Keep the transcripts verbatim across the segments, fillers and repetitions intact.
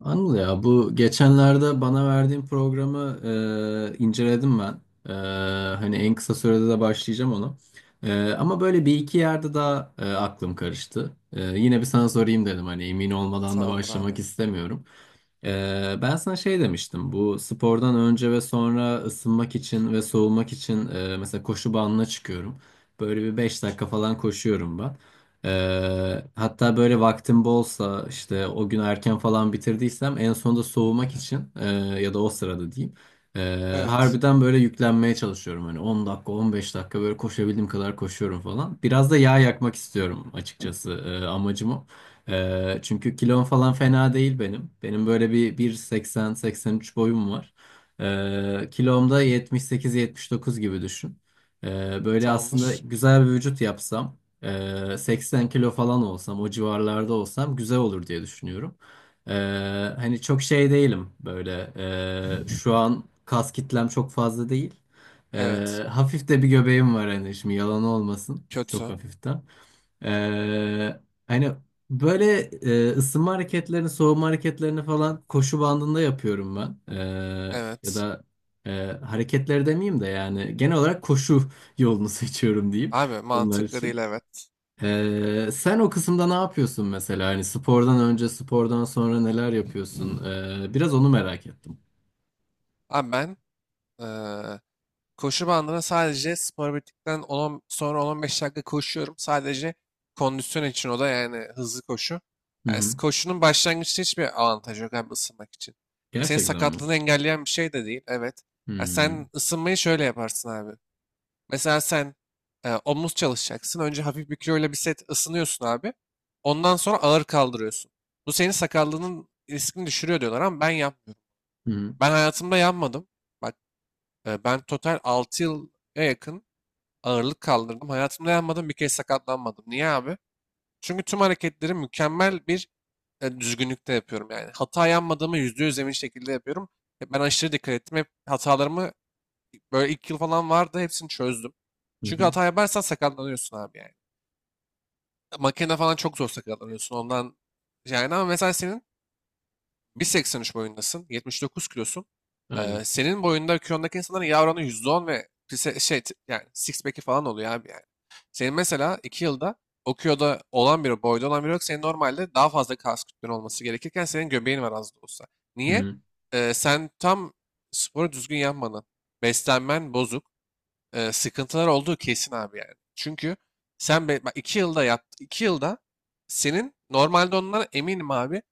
Anıl ya bu geçenlerde bana verdiğin programı e, inceledim ben. E, Hani en kısa sürede de başlayacağım onu. E, ama böyle bir iki yerde daha e, aklım karıştı. E, yine bir sana sorayım dedim hani emin olmadan da Tamamdır abi. başlamak istemiyorum. E, ben sana şey demiştim, bu spordan önce ve sonra ısınmak için ve soğumak için e, mesela koşu bandına çıkıyorum. Böyle bir beş dakika falan koşuyorum ben. Ee, hatta böyle vaktim bolsa, işte o gün erken falan bitirdiysem, en sonunda soğumak için e, ya da o sırada diyeyim, e, Evet. harbiden böyle yüklenmeye çalışıyorum. Hani on dakika on beş dakika böyle koşabildiğim kadar koşuyorum falan. Biraz da yağ yakmak istiyorum açıkçası, e, amacım o. E, çünkü kilom falan fena değil benim. Benim böyle bir 1.80-seksen üç boyum var. E, kilomda yetmiş sekiz yetmiş dokuz gibi düşün. Ee, böyle aslında Tamamdır. güzel bir vücut yapsam, ee, seksen kilo falan olsam, o civarlarda olsam güzel olur diye düşünüyorum. Ee, Hani çok şey değilim böyle. Ee, şu an kas kitlem çok fazla değil. Evet. Ee, hafif de bir göbeğim var hani, şimdi yalan olmasın. Çok Kötü. hafiften. Ee, hani böyle e, ısınma hareketlerini, soğuma hareketlerini falan koşu bandında yapıyorum ben. Ee, ya Evet. da e, hareketleri demeyeyim de, yani genel olarak koşu yolunu seçiyorum diyeyim Abi, bunlar mantıklı değil, için. evet. Ee, sen o kısımda ne yapıyorsun mesela? Hani spordan önce, spordan sonra neler yapıyorsun? Ee, biraz onu merak ettim. Abi ben eee, koşu bandına sadece spor bittikten on sonra on ila on beş dakika koşuyorum. Sadece kondisyon için, o da yani hızlı koşu. Hı Yani s- hı. koşunun başlangıçta hiçbir avantajı yok abi, ısınmak için. E senin Gerçekten mi? sakatlığını engelleyen bir şey de değil. Evet. Ya, Hı sen ısınmayı şöyle yaparsın abi. Mesela sen e, omuz çalışacaksın. Önce hafif bir kiloyla bir set ısınıyorsun abi. Ondan sonra ağır kaldırıyorsun. Bu senin sakallığının riskini düşürüyor diyorlar ama ben yapmıyorum. hı. Ben hayatımda yanmadım. Bak, e, ben total altı yıla yakın ağırlık kaldırdım. Hayatımda yanmadım, bir kez sakatlanmadım. Niye abi? Çünkü tüm hareketleri mükemmel bir e, düzgünlükte yapıyorum yani. Hata yanmadığımı yüzde yüz emin şekilde yapıyorum. E, Ben aşırı dikkat ettim. Hep hatalarımı, böyle ilk yıl falan vardı, hepsini çözdüm. Hı Çünkü hı. hata yaparsan sakatlanıyorsun abi yani. Makine falan çok zor sakatlanıyorsun ondan. Yani ama mesela senin bir seksen üç boyundasın, yetmiş dokuz kilosun. Ee, Aynen. Senin boyunda kilondaki insanların yağ oranı yüzde on ve pise- şey t- yani six pack'i falan oluyor abi yani. Senin mesela iki yılda o kiloda olan biri, boyda olan biri yok. Senin normalde daha fazla kas kütlen olması gerekirken senin göbeğin var, az da olsa. Hı Niye? hı. Ee, sen tam sporu düzgün yapmadın. Beslenmen bozuk, e, sıkıntılar olduğu kesin abi yani. Çünkü sen be, bak, iki yılda yap, iki yılda senin normalde ondan eminim abi.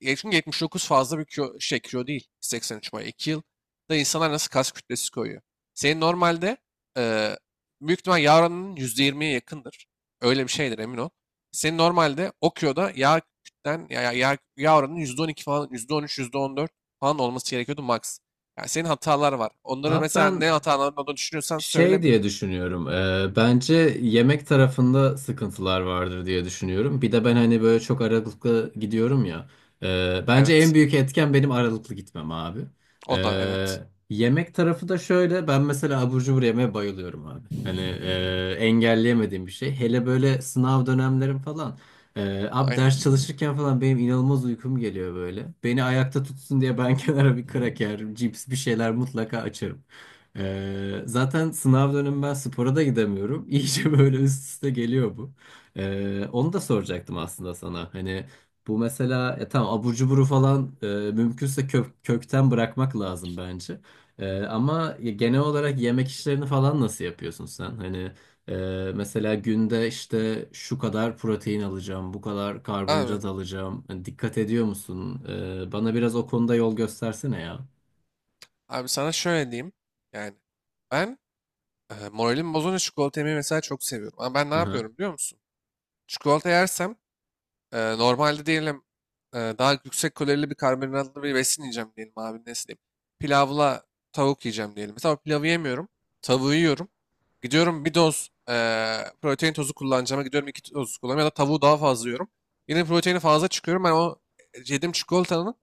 E, Çünkü yetmiş dokuz fazla bir kilo, şey kilo değil. seksen üç boy. iki yılda insanlar nasıl kas kütlesi koyuyor? Senin normalde e, büyük ihtimal yağ oranının yüzde yirmiye yakındır. Öyle bir şeydir, emin ol. Senin normalde o kiloda yağ kütlen, ya, ya, yağ, yağ oranının yüzde on iki falan, yüzde on üç, yüzde on dört falan olması gerekiyordu max. Yani senin hatalar var. Onları Abi mesela ben ne hatalarını olduğunu düşünüyorsan söyle. Şey diye düşünüyorum. E, bence yemek tarafında sıkıntılar vardır diye düşünüyorum. Bir de ben hani böyle çok aralıklı gidiyorum ya. E, bence en Evet. büyük etken benim aralıklı gitmem abi. E, O da evet. Yemek tarafı da şöyle. Ben mesela abur cubur yemeye bayılıyorum abi. Hani e, engelleyemediğim bir şey. Hele böyle sınav dönemlerim falan. E, abi, ders Aynen. çalışırken falan benim inanılmaz uykum geliyor böyle. Beni ayakta tutsun diye ben kenara bir kraker, cips, bir şeyler mutlaka açarım. Ee, zaten sınav dönemi ben spora da gidemiyorum. İyice böyle üst üste geliyor bu. Ee, onu da soracaktım aslında sana. Hani bu mesela, ya tamam abur cuburu falan e, mümkünse kök, kökten bırakmak lazım bence. Ee, ama ya genel olarak yemek işlerini falan nasıl yapıyorsun sen? Hani e, mesela günde işte şu kadar protein alacağım, bu kadar Abi, karbonhidrat alacağım. Hani dikkat ediyor musun? Ee, bana biraz o konuda yol göstersene ya. abi sana şöyle diyeyim. Yani ben, e, moralim bozunca çikolata yemeyi mesela çok seviyorum. Ama ben ne Aha. yapıyorum biliyor musun? Çikolata yersem, e, normalde diyelim, e, daha yüksek kalorili bir karbonhidratlı bir besin yiyeceğim diyelim abi, ne diyeyim. Pilavla tavuk yiyeceğim diyelim. Mesela o pilavı yemiyorum. Tavuğu yiyorum. Gidiyorum bir doz e, protein tozu kullanacağıma gidiyorum iki toz kullanıyorum, ya da tavuğu daha fazla yiyorum. Yine proteini fazla çıkıyorum. Ben o e, yediğim çikolatanın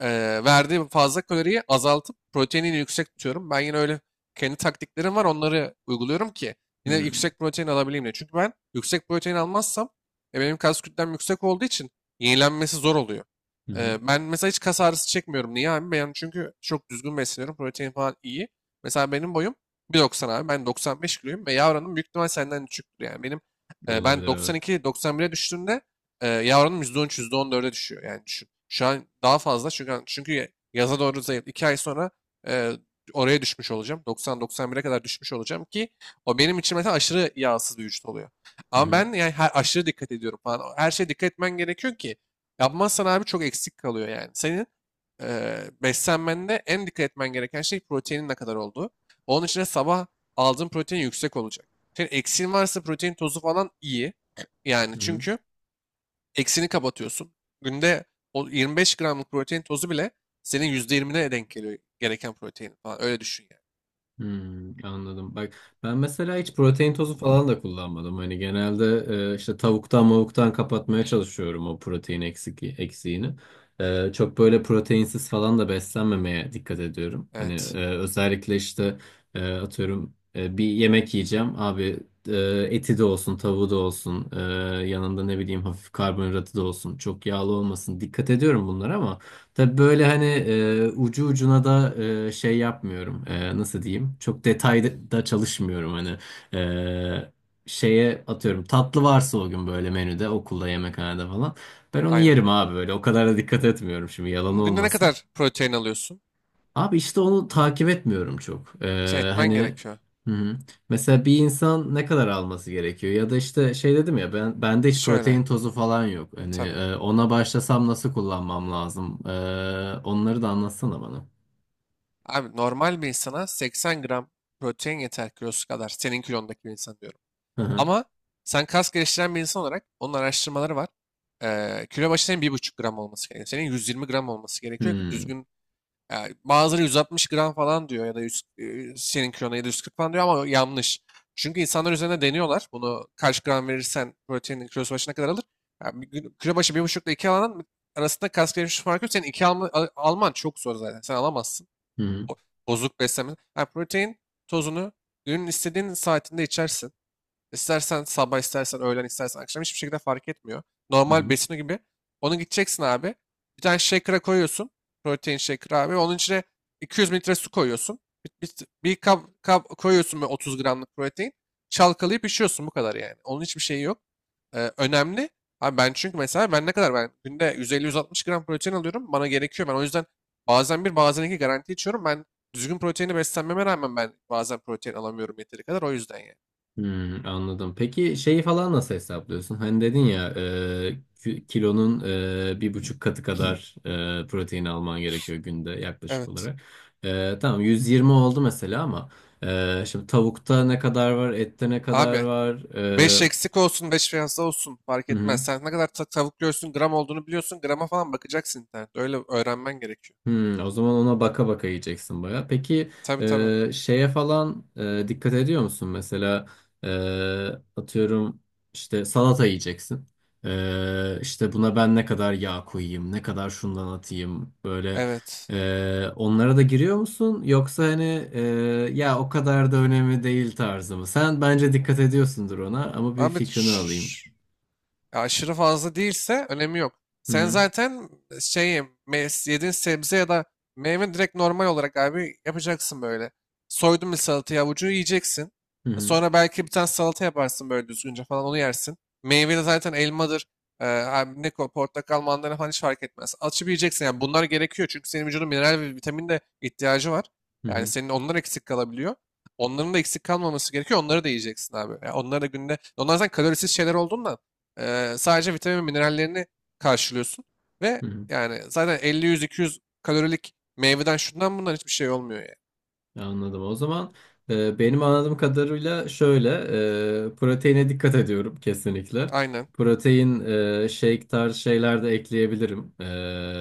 e, verdiği fazla kaloriyi azaltıp proteinini yüksek tutuyorum. Ben yine öyle kendi taktiklerim var, onları uyguluyorum ki yine Hmm. yüksek protein alabileyim diye. Çünkü ben yüksek protein almazsam, e, benim kas kütlem yüksek olduğu için yenilenmesi zor oluyor. Hı hı. E, ben mesela hiç kas ağrısı çekmiyorum. Niye abi? Ben çünkü çok düzgün besleniyorum. Protein falan iyi. Mesela benim boyum bir doksan abi. Ben doksan beş kiloyum ve yavranım büyük ihtimal senden küçüktür yani. Benim, e, ben Olabilir, evet. doksan iki, doksan bire düştüğümde, e, yağ oranım yüzde on üç, yüzde on dörde düşüyor. Yani düşün. Şu an daha fazla çünkü çünkü yaza doğru zayıf. iki ay sonra e, oraya düşmüş olacağım. doksan, doksan bire kadar düşmüş olacağım ki o benim için mesela aşırı yağsız bir vücut oluyor. Hı Ama hı. ben yani her, aşırı dikkat ediyorum falan. Her şeye dikkat etmen gerekiyor ki yapmazsan abi çok eksik kalıyor yani. Senin e, beslenmende en dikkat etmen gereken şey proteinin ne kadar olduğu. Onun için de sabah aldığın protein yüksek olacak. Senin eksiğin varsa protein tozu falan iyi. Yani, Hı hı. çünkü eksini kapatıyorsun. Günde o yirmi beş gramlık protein tozu bile senin yüzde yirmine denk geliyor gereken protein falan. Öyle düşün yani. Hmm, anladım. Bak, ben mesela hiç protein tozu falan da kullanmadım. Hani genelde e, işte tavuktan mavuktan kapatmaya çalışıyorum o protein eksik, eksiğini. E, çok böyle proteinsiz falan da beslenmemeye dikkat ediyorum. Hani Evet. e, özellikle işte e, atıyorum, e, bir yemek yiyeceğim abi, e, eti de olsun, tavuğu da olsun, e, yanında ne bileyim hafif karbonhidratı da olsun, çok yağlı olmasın. Dikkat ediyorum bunlara, ama tabii böyle hani e, ucu ucuna da e, şey yapmıyorum. E, nasıl diyeyim? Çok detayda da çalışmıyorum hani. E, şeye atıyorum, tatlı varsa o gün böyle menüde, okulda yemekhanede falan, ben onu Aynen. yerim abi böyle. O kadar da dikkat etmiyorum şimdi, yalan Günde ne olmasın. kadar protein alıyorsun? Abi, işte onu takip etmiyorum çok. Şey Ee, etmen hani gerekiyor. Hı hı. Mesela bir insan ne kadar alması gerekiyor? Ya da işte şey dedim ya, ben, bende hiç Şöyle. protein tozu falan yok. Hani Tabii. e, ona başlasam nasıl kullanmam lazım? Ee, onları da anlatsana bana. Abi normal bir insana seksen gram protein yeter, kilosu kadar. Senin kilondaki bir insan diyorum. Hı hı. Ama sen kas geliştiren bir insan olarak, onun araştırmaları var. Ee, kilo başı senin bir buçuk gram olması gerekiyor. Senin yüz yirmi gram olması gerekiyor ki Hmm. düzgün. Yani bazıları yüz altmış gram falan diyor ya da yüz, e, senin kilona ya da yüz kırk falan diyor ama yanlış. Çünkü insanlar üzerine deniyorlar. Bunu kaç gram verirsen proteinin kilosu başına kadar alır. Yani bir gün- kilo başı bir buçuk ile iki alanın arasında kas gelişmiş farkı yok. Senin iki alma, al- alman çok zor zaten. Sen alamazsın. Hı hı. O, bozuk beslenme. Yani protein tozunu günün istediğin saatinde içersin. İstersen sabah, istersen öğlen, istersen akşam hiçbir şekilde fark etmiyor. Hı Normal hı. besini gibi. Onu gideceksin abi. Bir tane shaker'a koyuyorsun. Protein shaker abi. Onun içine iki yüz mililitre su koyuyorsun. Bir, bir, bir kap, kap koyuyorsun böyle otuz gramlık protein. Çalkalayıp içiyorsun, bu kadar yani. Onun hiçbir şeyi yok. Ee, önemli. Abi ben, çünkü mesela ben ne kadar ben günde yüz elli, yüz altmış gram protein alıyorum. Bana gerekiyor. Ben o yüzden bazen bir, bazen iki garanti içiyorum. Ben düzgün proteini beslenmeme rağmen ben bazen protein alamıyorum yeteri kadar. O yüzden yani. Hmm, anladım. Peki şeyi falan nasıl hesaplıyorsun? Hani dedin ya, e, ki- kilonun e, bir buçuk katı kadar e, protein alman gerekiyor günde yaklaşık Evet. olarak. E, tamam yüz yirmi oldu mesela, ama e, şimdi tavukta ne kadar var, ette ne kadar Abi var? beş E, eksik olsun beş fazla olsun fark hı etmez. hı. Sen ne kadar ta- tavuk göğsünün gram olduğunu biliyorsun. Grama falan bakacaksın internette. Öyle öğrenmen gerekiyor. Hmm, o zaman ona baka baka yiyeceksin baya. Peki Tabii tabii. e, şeye falan e, dikkat ediyor musun? Mesela e, atıyorum, işte salata yiyeceksin. E, işte buna ben ne kadar yağ koyayım, ne kadar şundan atayım böyle, Evet. e, onlara da giriyor musun? Yoksa hani e, ya o kadar da önemli değil tarzı mı? Sen bence dikkat ediyorsundur ona, ama bir Abi. fikrini şşş. alayım. E, aşırı fazla değilse önemi yok. Hı Sen hı, zaten, e, şey mes- yediğin sebze ya da meyve direkt normal olarak abi yapacaksın böyle. Soydun bir salatayı avucu yiyeceksin. hı E, hı, Sonra belki bir tane salata yaparsın böyle düzgünce falan, onu yersin. Meyve de zaten elmadır. E, abi ne ko- portakal, mandalina falan hiç fark etmez. Açıp yiyeceksin yani, bunlar gerekiyor çünkü senin vücudun mineral ve vitamin de ihtiyacı var. hı Yani hı, senin onlar eksik kalabiliyor. Onların da eksik kalmaması gerekiyor. Onları da yiyeceksin abi. Yani onları da günde... Onlar zaten kalorisiz şeyler olduğundan, Eee, sadece vitamin ve minerallerini karşılıyorsun. Ve hı hı. yani zaten elli yüz-iki yüz kalorilik meyveden şundan bundan hiçbir şey olmuyor yani. Anladım. O zaman e, benim anladığım kadarıyla şöyle, e, proteine dikkat ediyorum kesinlikle. Aynen. Protein e, shake tarzı şeyler de ekleyebilirim e,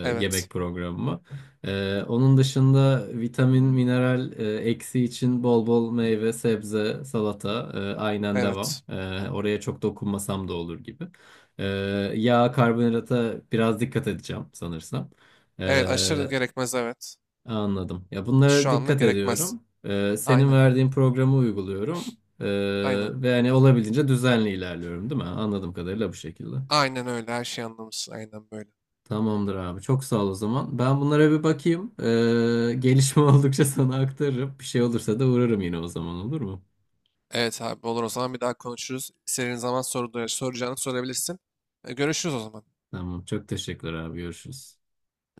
Evet. yemek programıma. E, onun dışında vitamin, mineral e, eksi için bol bol meyve, sebze, salata, e, aynen devam. Evet. E, oraya çok dokunmasam da olur gibi. E, Yağ, karbonhidrata biraz dikkat edeceğim sanırsam. Evet, aşırı gerekmez evet. Anladım. Ya bunlara Şu anlık dikkat gerekmez. ediyorum. Ee, senin Aynen. verdiğin programı uyguluyorum. Ee, Aynen. Ve hani olabildiğince düzenli ilerliyorum, değil mi? Anladığım kadarıyla bu şekilde. Aynen öyle, her şeyi anlamışsın. Aynen böyle. Tamamdır abi. Çok sağ ol o zaman. Ben bunlara bir bakayım. Ee, gelişme oldukça sana aktarırım. Bir şey olursa da uğrarım yine o zaman, olur mu? Evet abi olur, o zaman bir daha konuşuruz. İstediğin zaman soru, soracağını sorabilirsin. E, Görüşürüz o zaman. Tamam. Çok teşekkürler abi. Görüşürüz.